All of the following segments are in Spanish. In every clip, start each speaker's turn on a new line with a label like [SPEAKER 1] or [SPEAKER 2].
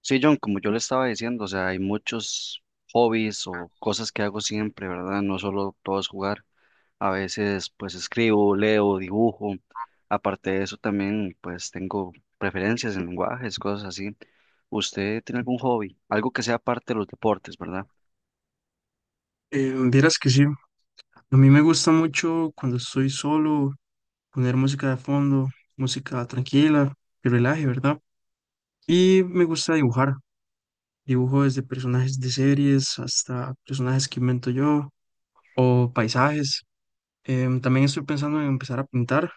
[SPEAKER 1] Sí, John, como yo le estaba diciendo, o sea, hay muchos hobbies o cosas que hago siempre, ¿verdad? No solo todo es jugar, a veces pues escribo, leo, dibujo, aparte de eso también pues tengo preferencias en lenguajes, cosas así. ¿Usted tiene algún hobby? Algo que sea parte de los deportes, ¿verdad?
[SPEAKER 2] Vieras que sí, a mí me gusta mucho cuando estoy solo poner música de fondo, música tranquila, que relaje, ¿verdad? Y me gusta dibujar, dibujo desde personajes de series hasta personajes que invento yo o paisajes. También estoy pensando en empezar a pintar.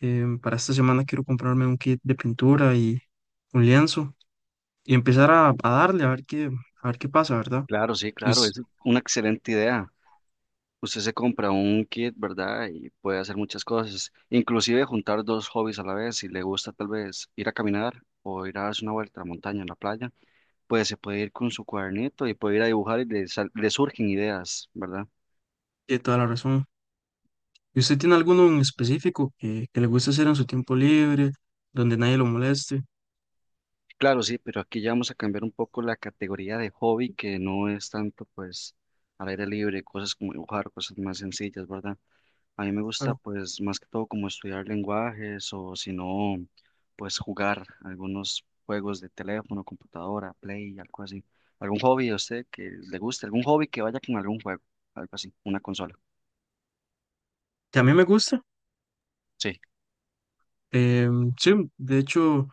[SPEAKER 2] Para esta semana quiero comprarme un kit de pintura y un lienzo y empezar a darle a ver a ver qué pasa, ¿verdad?
[SPEAKER 1] Claro, sí,
[SPEAKER 2] Y
[SPEAKER 1] claro, es
[SPEAKER 2] usted
[SPEAKER 1] una excelente idea. Usted se compra un kit, ¿verdad? Y puede hacer muchas cosas, inclusive juntar dos hobbies a la vez, si le gusta tal vez ir a caminar o ir a darse una vuelta a la montaña, a la playa pues se puede ir con su cuadernito y puede ir a dibujar y le, le surgen ideas, ¿verdad?
[SPEAKER 2] tiene toda la razón. ¿Y usted tiene alguno en específico que le guste hacer en su tiempo libre, donde nadie lo moleste?
[SPEAKER 1] Claro, sí, pero aquí ya vamos a cambiar un poco la categoría de hobby que no es tanto pues al aire libre, cosas como dibujar, cosas más sencillas, ¿verdad? A mí me gusta
[SPEAKER 2] Claro.
[SPEAKER 1] pues más que todo como estudiar lenguajes o si no, pues jugar algunos juegos de teléfono, computadora, play, algo así. ¿Algún hobby a usted que le guste? ¿Algún hobby que vaya con algún juego? Algo así, una consola.
[SPEAKER 2] Que a mí me gusta.
[SPEAKER 1] Sí.
[SPEAKER 2] Sí, de hecho,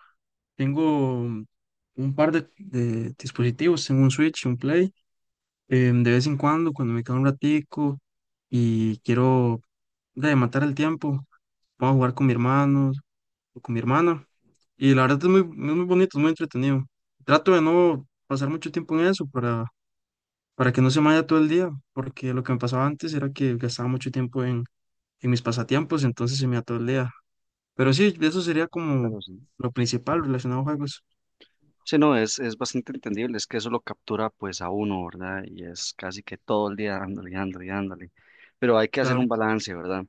[SPEAKER 2] tengo un par de dispositivos, tengo un Switch, un Play. De vez en cuando, cuando me queda un ratico y quiero de matar el tiempo, puedo jugar con mi hermano o con mi hermana. Y la verdad es es muy bonito, es muy entretenido. Trato de no pasar mucho tiempo en eso para que no se me vaya todo el día, porque lo que me pasaba antes era que gastaba mucho tiempo en mis pasatiempos, entonces se me iba todo el día. Pero sí, de eso sería como
[SPEAKER 1] Claro, sí.
[SPEAKER 2] lo principal relacionado a juegos,
[SPEAKER 1] Sí, no, es bastante entendible, es que eso lo captura pues a uno, ¿verdad? Y es casi que todo el día dándole, dándole, dándole. Pero hay que hacer un
[SPEAKER 2] claro.
[SPEAKER 1] balance, ¿verdad?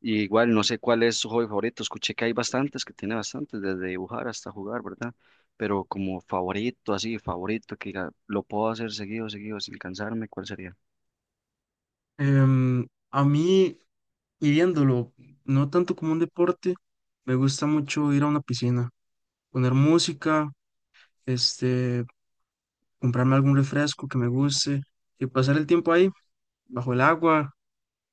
[SPEAKER 1] Y igual, no sé cuál es su hobby favorito, escuché que hay bastantes, que tiene bastantes, desde dibujar hasta jugar, ¿verdad? Pero como favorito, así, favorito, que diga, lo puedo hacer seguido, seguido, sin cansarme, ¿cuál sería?
[SPEAKER 2] Em, a mí, y viéndolo, no tanto como un deporte, me gusta mucho ir a una piscina, poner música, este, comprarme algún refresco que me guste y pasar el tiempo ahí, bajo el agua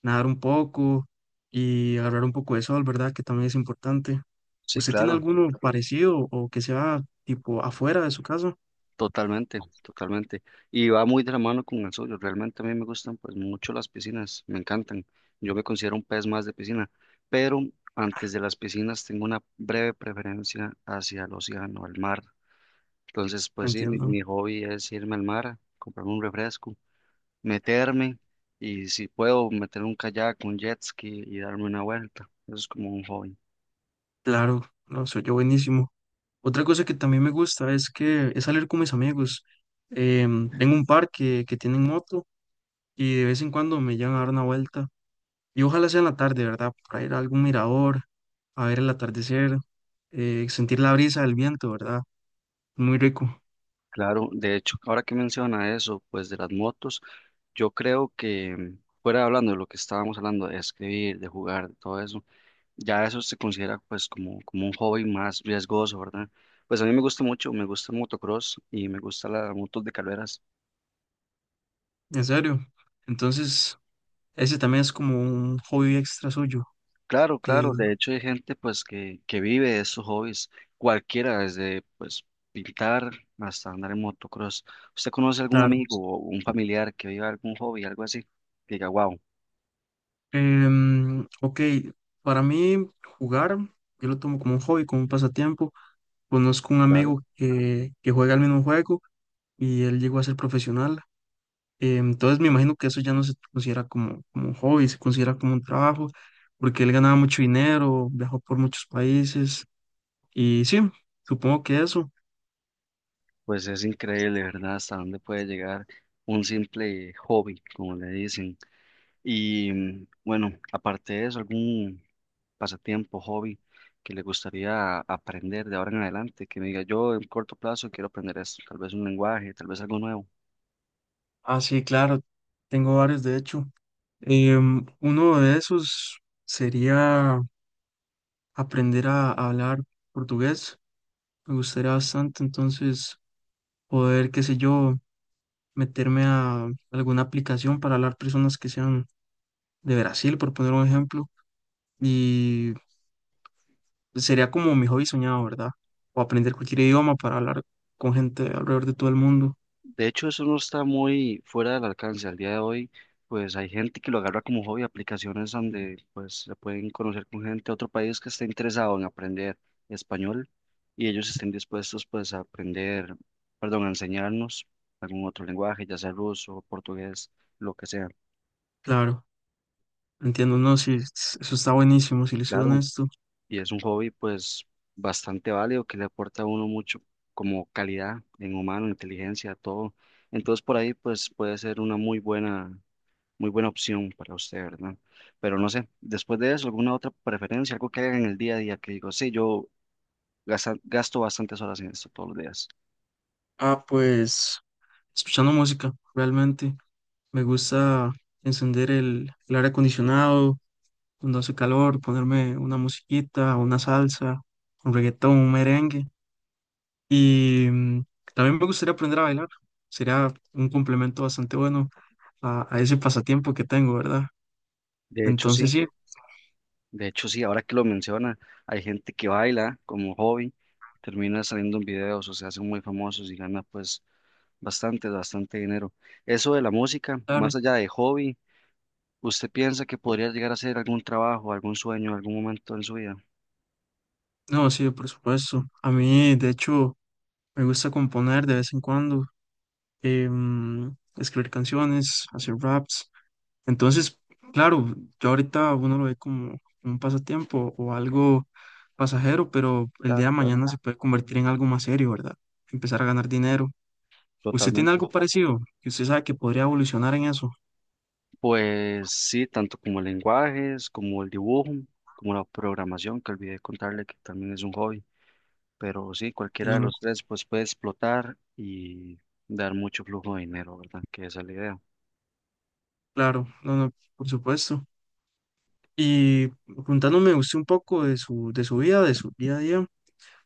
[SPEAKER 2] nadar un poco y agarrar un poco de sol, ¿verdad? Que también es importante.
[SPEAKER 1] Sí,
[SPEAKER 2] ¿Usted tiene
[SPEAKER 1] claro.
[SPEAKER 2] alguno parecido o que sea tipo afuera de su casa?
[SPEAKER 1] Totalmente, totalmente. Y va muy de la mano con el suyo. Realmente a mí me gustan pues mucho las piscinas, me encantan. Yo me considero un pez más de piscina, pero antes de las piscinas tengo una breve preferencia hacia el océano, el mar. Entonces, pues sí, mi,
[SPEAKER 2] Entiendo.
[SPEAKER 1] mi hobby es irme al mar, comprarme un refresco, meterme y si puedo meter un kayak, un jet ski y darme una vuelta. Eso es como un hobby.
[SPEAKER 2] Claro, no, soy yo buenísimo. Otra cosa que también me gusta es que es salir con mis amigos. Tengo un par que tienen moto y de vez en cuando me llevan a dar una vuelta. Y ojalá sea en la tarde, ¿verdad? Para ir a algún mirador, a ver el atardecer, sentir la brisa del viento, ¿verdad? Muy rico,
[SPEAKER 1] Claro, de hecho, ahora que menciona eso, pues de las motos. Yo creo que fuera hablando de lo que estábamos hablando, de escribir, de jugar, de todo eso, ya eso se considera pues como, como un hobby más riesgoso, ¿verdad? Pues a mí me gusta mucho, me gusta el motocross y me gusta las motos de carreras.
[SPEAKER 2] en serio. Entonces, ese también es como un hobby extra suyo.
[SPEAKER 1] Claro,
[SPEAKER 2] eh,
[SPEAKER 1] claro, de hecho hay gente pues que vive de esos hobbies, cualquiera, desde pues pintar hasta andar en motocross. ¿Usted conoce algún
[SPEAKER 2] claro.
[SPEAKER 1] amigo o un familiar que viva algún hobby, algo así? Que diga, wow.
[SPEAKER 2] Ok, para mí jugar, yo lo tomo como un hobby, como un pasatiempo. Conozco un amigo que juega el mismo juego y él llegó a ser profesional. Entonces me imagino que eso ya no se considera como un hobby, se considera como un trabajo, porque él ganaba mucho dinero, viajó por muchos países y sí, supongo que eso.
[SPEAKER 1] Pues es increíble, ¿verdad? Hasta dónde puede llegar un simple hobby, como le dicen. Y bueno, aparte de eso, algún pasatiempo, hobby que le gustaría aprender de ahora en adelante, que me diga yo en corto plazo quiero aprender esto, tal vez un lenguaje, tal vez algo nuevo.
[SPEAKER 2] Ah, sí, claro, tengo varios de hecho. Uno de esos sería aprender a hablar portugués. Me gustaría bastante entonces poder, qué sé yo, meterme a alguna aplicación para hablar personas que sean de Brasil, por poner un ejemplo. Y sería como mi hobby soñado, ¿verdad? O aprender cualquier idioma para hablar con gente alrededor de todo el mundo.
[SPEAKER 1] De hecho, eso no está muy fuera del alcance. Al día de hoy, pues hay gente que lo agarra como hobby, aplicaciones donde pues se pueden conocer con gente de otro país que esté interesado en aprender español y ellos estén dispuestos pues a aprender, perdón, a enseñarnos algún otro lenguaje, ya sea ruso, portugués, lo que sea.
[SPEAKER 2] Claro, entiendo, no, sí, eso está buenísimo, si le soy
[SPEAKER 1] Claro,
[SPEAKER 2] honesto.
[SPEAKER 1] y es un hobby pues bastante válido que le aporta a uno mucho como calidad en humano, inteligencia, todo. Entonces por ahí pues puede ser una muy buena muy buena opción para usted, ¿verdad? Pero no sé, después de eso, ¿alguna otra preferencia? Algo que haga en el día a día que digo, sí, yo gasto bastantes horas en esto todos los días.
[SPEAKER 2] Ah, pues escuchando música, realmente. Me gusta encender el aire acondicionado cuando hace calor, ponerme una musiquita, una salsa, un reggaetón, un merengue. Y también me gustaría aprender a bailar. Sería un complemento bastante bueno a ese pasatiempo que tengo, ¿verdad?
[SPEAKER 1] De hecho, sí,
[SPEAKER 2] Entonces sí,
[SPEAKER 1] de hecho, sí, ahora que lo menciona, hay gente que baila como hobby, termina saliendo en videos o se hacen muy famosos y gana pues bastante, bastante dinero. Eso de la música, más
[SPEAKER 2] claro.
[SPEAKER 1] allá de hobby, ¿usted piensa que podría llegar a ser algún trabajo, algún sueño, algún momento en su vida?
[SPEAKER 2] No, sí, por supuesto. A mí, de hecho, me gusta componer de vez en cuando, em, escribir canciones, hacer raps. Entonces, claro, yo ahorita uno lo ve como un pasatiempo o algo pasajero, pero el día
[SPEAKER 1] Claro,
[SPEAKER 2] de
[SPEAKER 1] claro,
[SPEAKER 2] mañana se puede convertir en algo más serio, ¿verdad? Empezar a ganar dinero. ¿Usted tiene
[SPEAKER 1] totalmente.
[SPEAKER 2] algo parecido? Que usted sabe que podría evolucionar en eso.
[SPEAKER 1] Pues sí, tanto como lenguajes, como el dibujo, como la programación, que olvidé contarle que también es un hobby, pero sí, cualquiera de
[SPEAKER 2] Entiendo.
[SPEAKER 1] los tres pues puede explotar y dar mucho flujo de dinero, ¿verdad? Que esa es la idea.
[SPEAKER 2] Claro, no, no, por supuesto. Y contándome usted un poco de de su vida, de su día a día,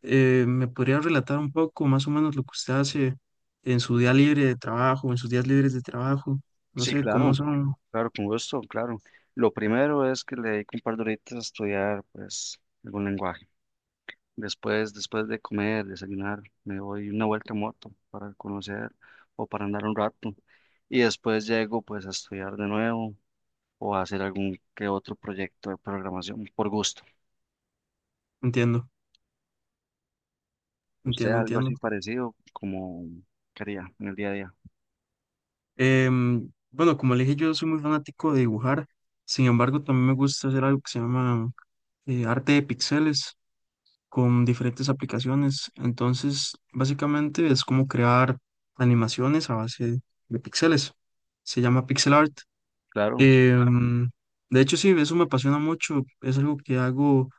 [SPEAKER 2] ¿me podría relatar un poco más o menos lo que usted hace en su día libre de trabajo, en sus días libres de trabajo? No
[SPEAKER 1] Sí,
[SPEAKER 2] sé
[SPEAKER 1] claro,
[SPEAKER 2] cómo son.
[SPEAKER 1] claro, con gusto, claro. Lo primero es que le dedico un par de horitas a estudiar pues algún lenguaje. Después, después de comer, desayunar, me doy una vuelta en moto para conocer o para andar un rato y después llego pues a estudiar de nuevo o hacer algún que otro proyecto de programación por gusto.
[SPEAKER 2] Entiendo,
[SPEAKER 1] ¿Usted algo
[SPEAKER 2] entiendo.
[SPEAKER 1] así parecido como quería en el día a día?
[SPEAKER 2] Bueno, como le dije, yo soy muy fanático de dibujar, sin embargo, también me gusta hacer algo que se llama arte de píxeles con diferentes aplicaciones. Entonces, básicamente es como crear animaciones a base de píxeles. Se llama pixel art.
[SPEAKER 1] Claro,
[SPEAKER 2] Em, de hecho, sí, eso me apasiona mucho. Es algo que hago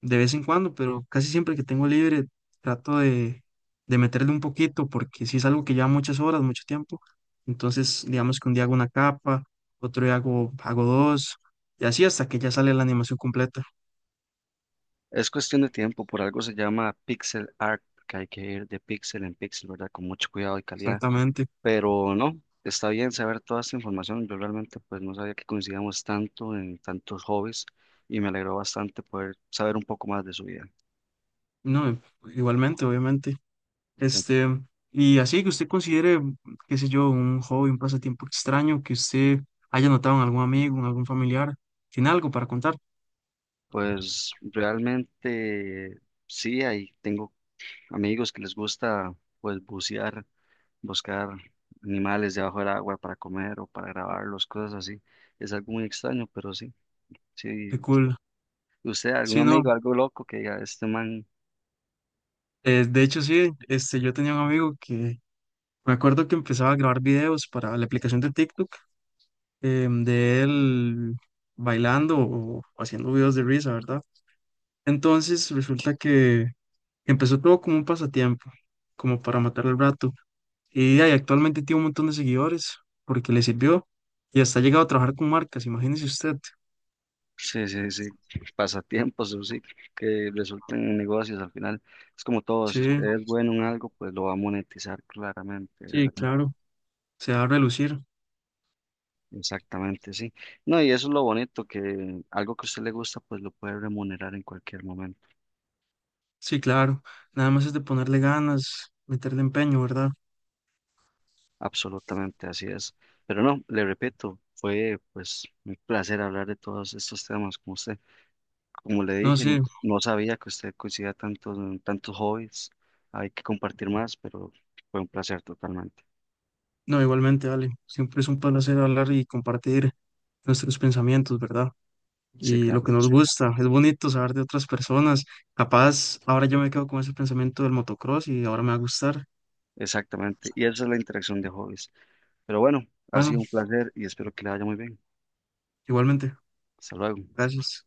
[SPEAKER 2] de vez en cuando, pero casi siempre que tengo libre trato de meterle un poquito porque si es algo que lleva muchas horas, mucho tiempo, entonces digamos que un día hago una capa, otro día hago dos y así hasta que ya sale la animación completa,
[SPEAKER 1] es cuestión de tiempo, por algo se llama pixel art, que hay que ir de pixel en pixel, ¿verdad? Con mucho cuidado y calidad,
[SPEAKER 2] exactamente.
[SPEAKER 1] pero no, está bien saber toda esta información, yo realmente pues no sabía que coincidíamos tanto en tantos hobbies y me alegró bastante poder saber un poco más de su vida.
[SPEAKER 2] No, igualmente, obviamente.
[SPEAKER 1] Eh,
[SPEAKER 2] Este, y así que usted considere, qué sé yo, un hobby, un pasatiempo extraño que usted haya notado en algún amigo, en algún familiar, tiene algo para contar,
[SPEAKER 1] Pues realmente sí, ahí tengo amigos que les gusta pues bucear buscar animales debajo del agua para comer o para grabarlos, cosas así. Es algo muy extraño, pero sí,
[SPEAKER 2] qué
[SPEAKER 1] sí.
[SPEAKER 2] cool.
[SPEAKER 1] ¿Usted, algún
[SPEAKER 2] Sí, no.
[SPEAKER 1] amigo, algo loco que diga, este man,
[SPEAKER 2] De hecho, sí, este, yo tenía un amigo que me acuerdo que empezaba a grabar videos para la aplicación de TikTok, de él bailando o haciendo videos de risa, ¿verdad? Entonces resulta que empezó todo como un pasatiempo, como para matar el rato. Y ahí actualmente tiene un montón de seguidores porque le sirvió y hasta ha llegado a trabajar con marcas, imagínese usted.
[SPEAKER 1] sí, sí, sí, pasatiempos o sí, que resulten en negocios al final? Es como todo,
[SPEAKER 2] Sí,
[SPEAKER 1] si usted es bueno en algo, pues lo va a monetizar claramente,
[SPEAKER 2] sí,
[SPEAKER 1] ¿verdad?
[SPEAKER 2] claro, se va a relucir.
[SPEAKER 1] Exactamente, sí. No, y eso es lo bonito, que algo que a usted le gusta, pues lo puede remunerar en cualquier momento.
[SPEAKER 2] Sí, claro, nada más es de ponerle ganas, meterle empeño, ¿verdad?
[SPEAKER 1] Absolutamente, así es. Pero no, le repito, fue pues un placer hablar de todos estos temas con usted. Como le
[SPEAKER 2] No,
[SPEAKER 1] dije,
[SPEAKER 2] sí,
[SPEAKER 1] no sabía que usted coincidía tanto en tantos hobbies. Hay que compartir más, pero fue un placer totalmente.
[SPEAKER 2] no, igualmente, Ale. Siempre es un placer hablar y compartir nuestros pensamientos, ¿verdad?
[SPEAKER 1] Sí,
[SPEAKER 2] Y lo
[SPEAKER 1] claro,
[SPEAKER 2] que nos gusta. Es bonito saber de otras personas. Capaz, ahora yo me quedo con ese pensamiento del motocross y ahora me va a gustar.
[SPEAKER 1] exactamente. Y esa es la interacción de hobbies. Pero bueno, ha
[SPEAKER 2] Bueno,
[SPEAKER 1] sido un placer y espero que le vaya muy bien.
[SPEAKER 2] igualmente.
[SPEAKER 1] Hasta luego.
[SPEAKER 2] Gracias.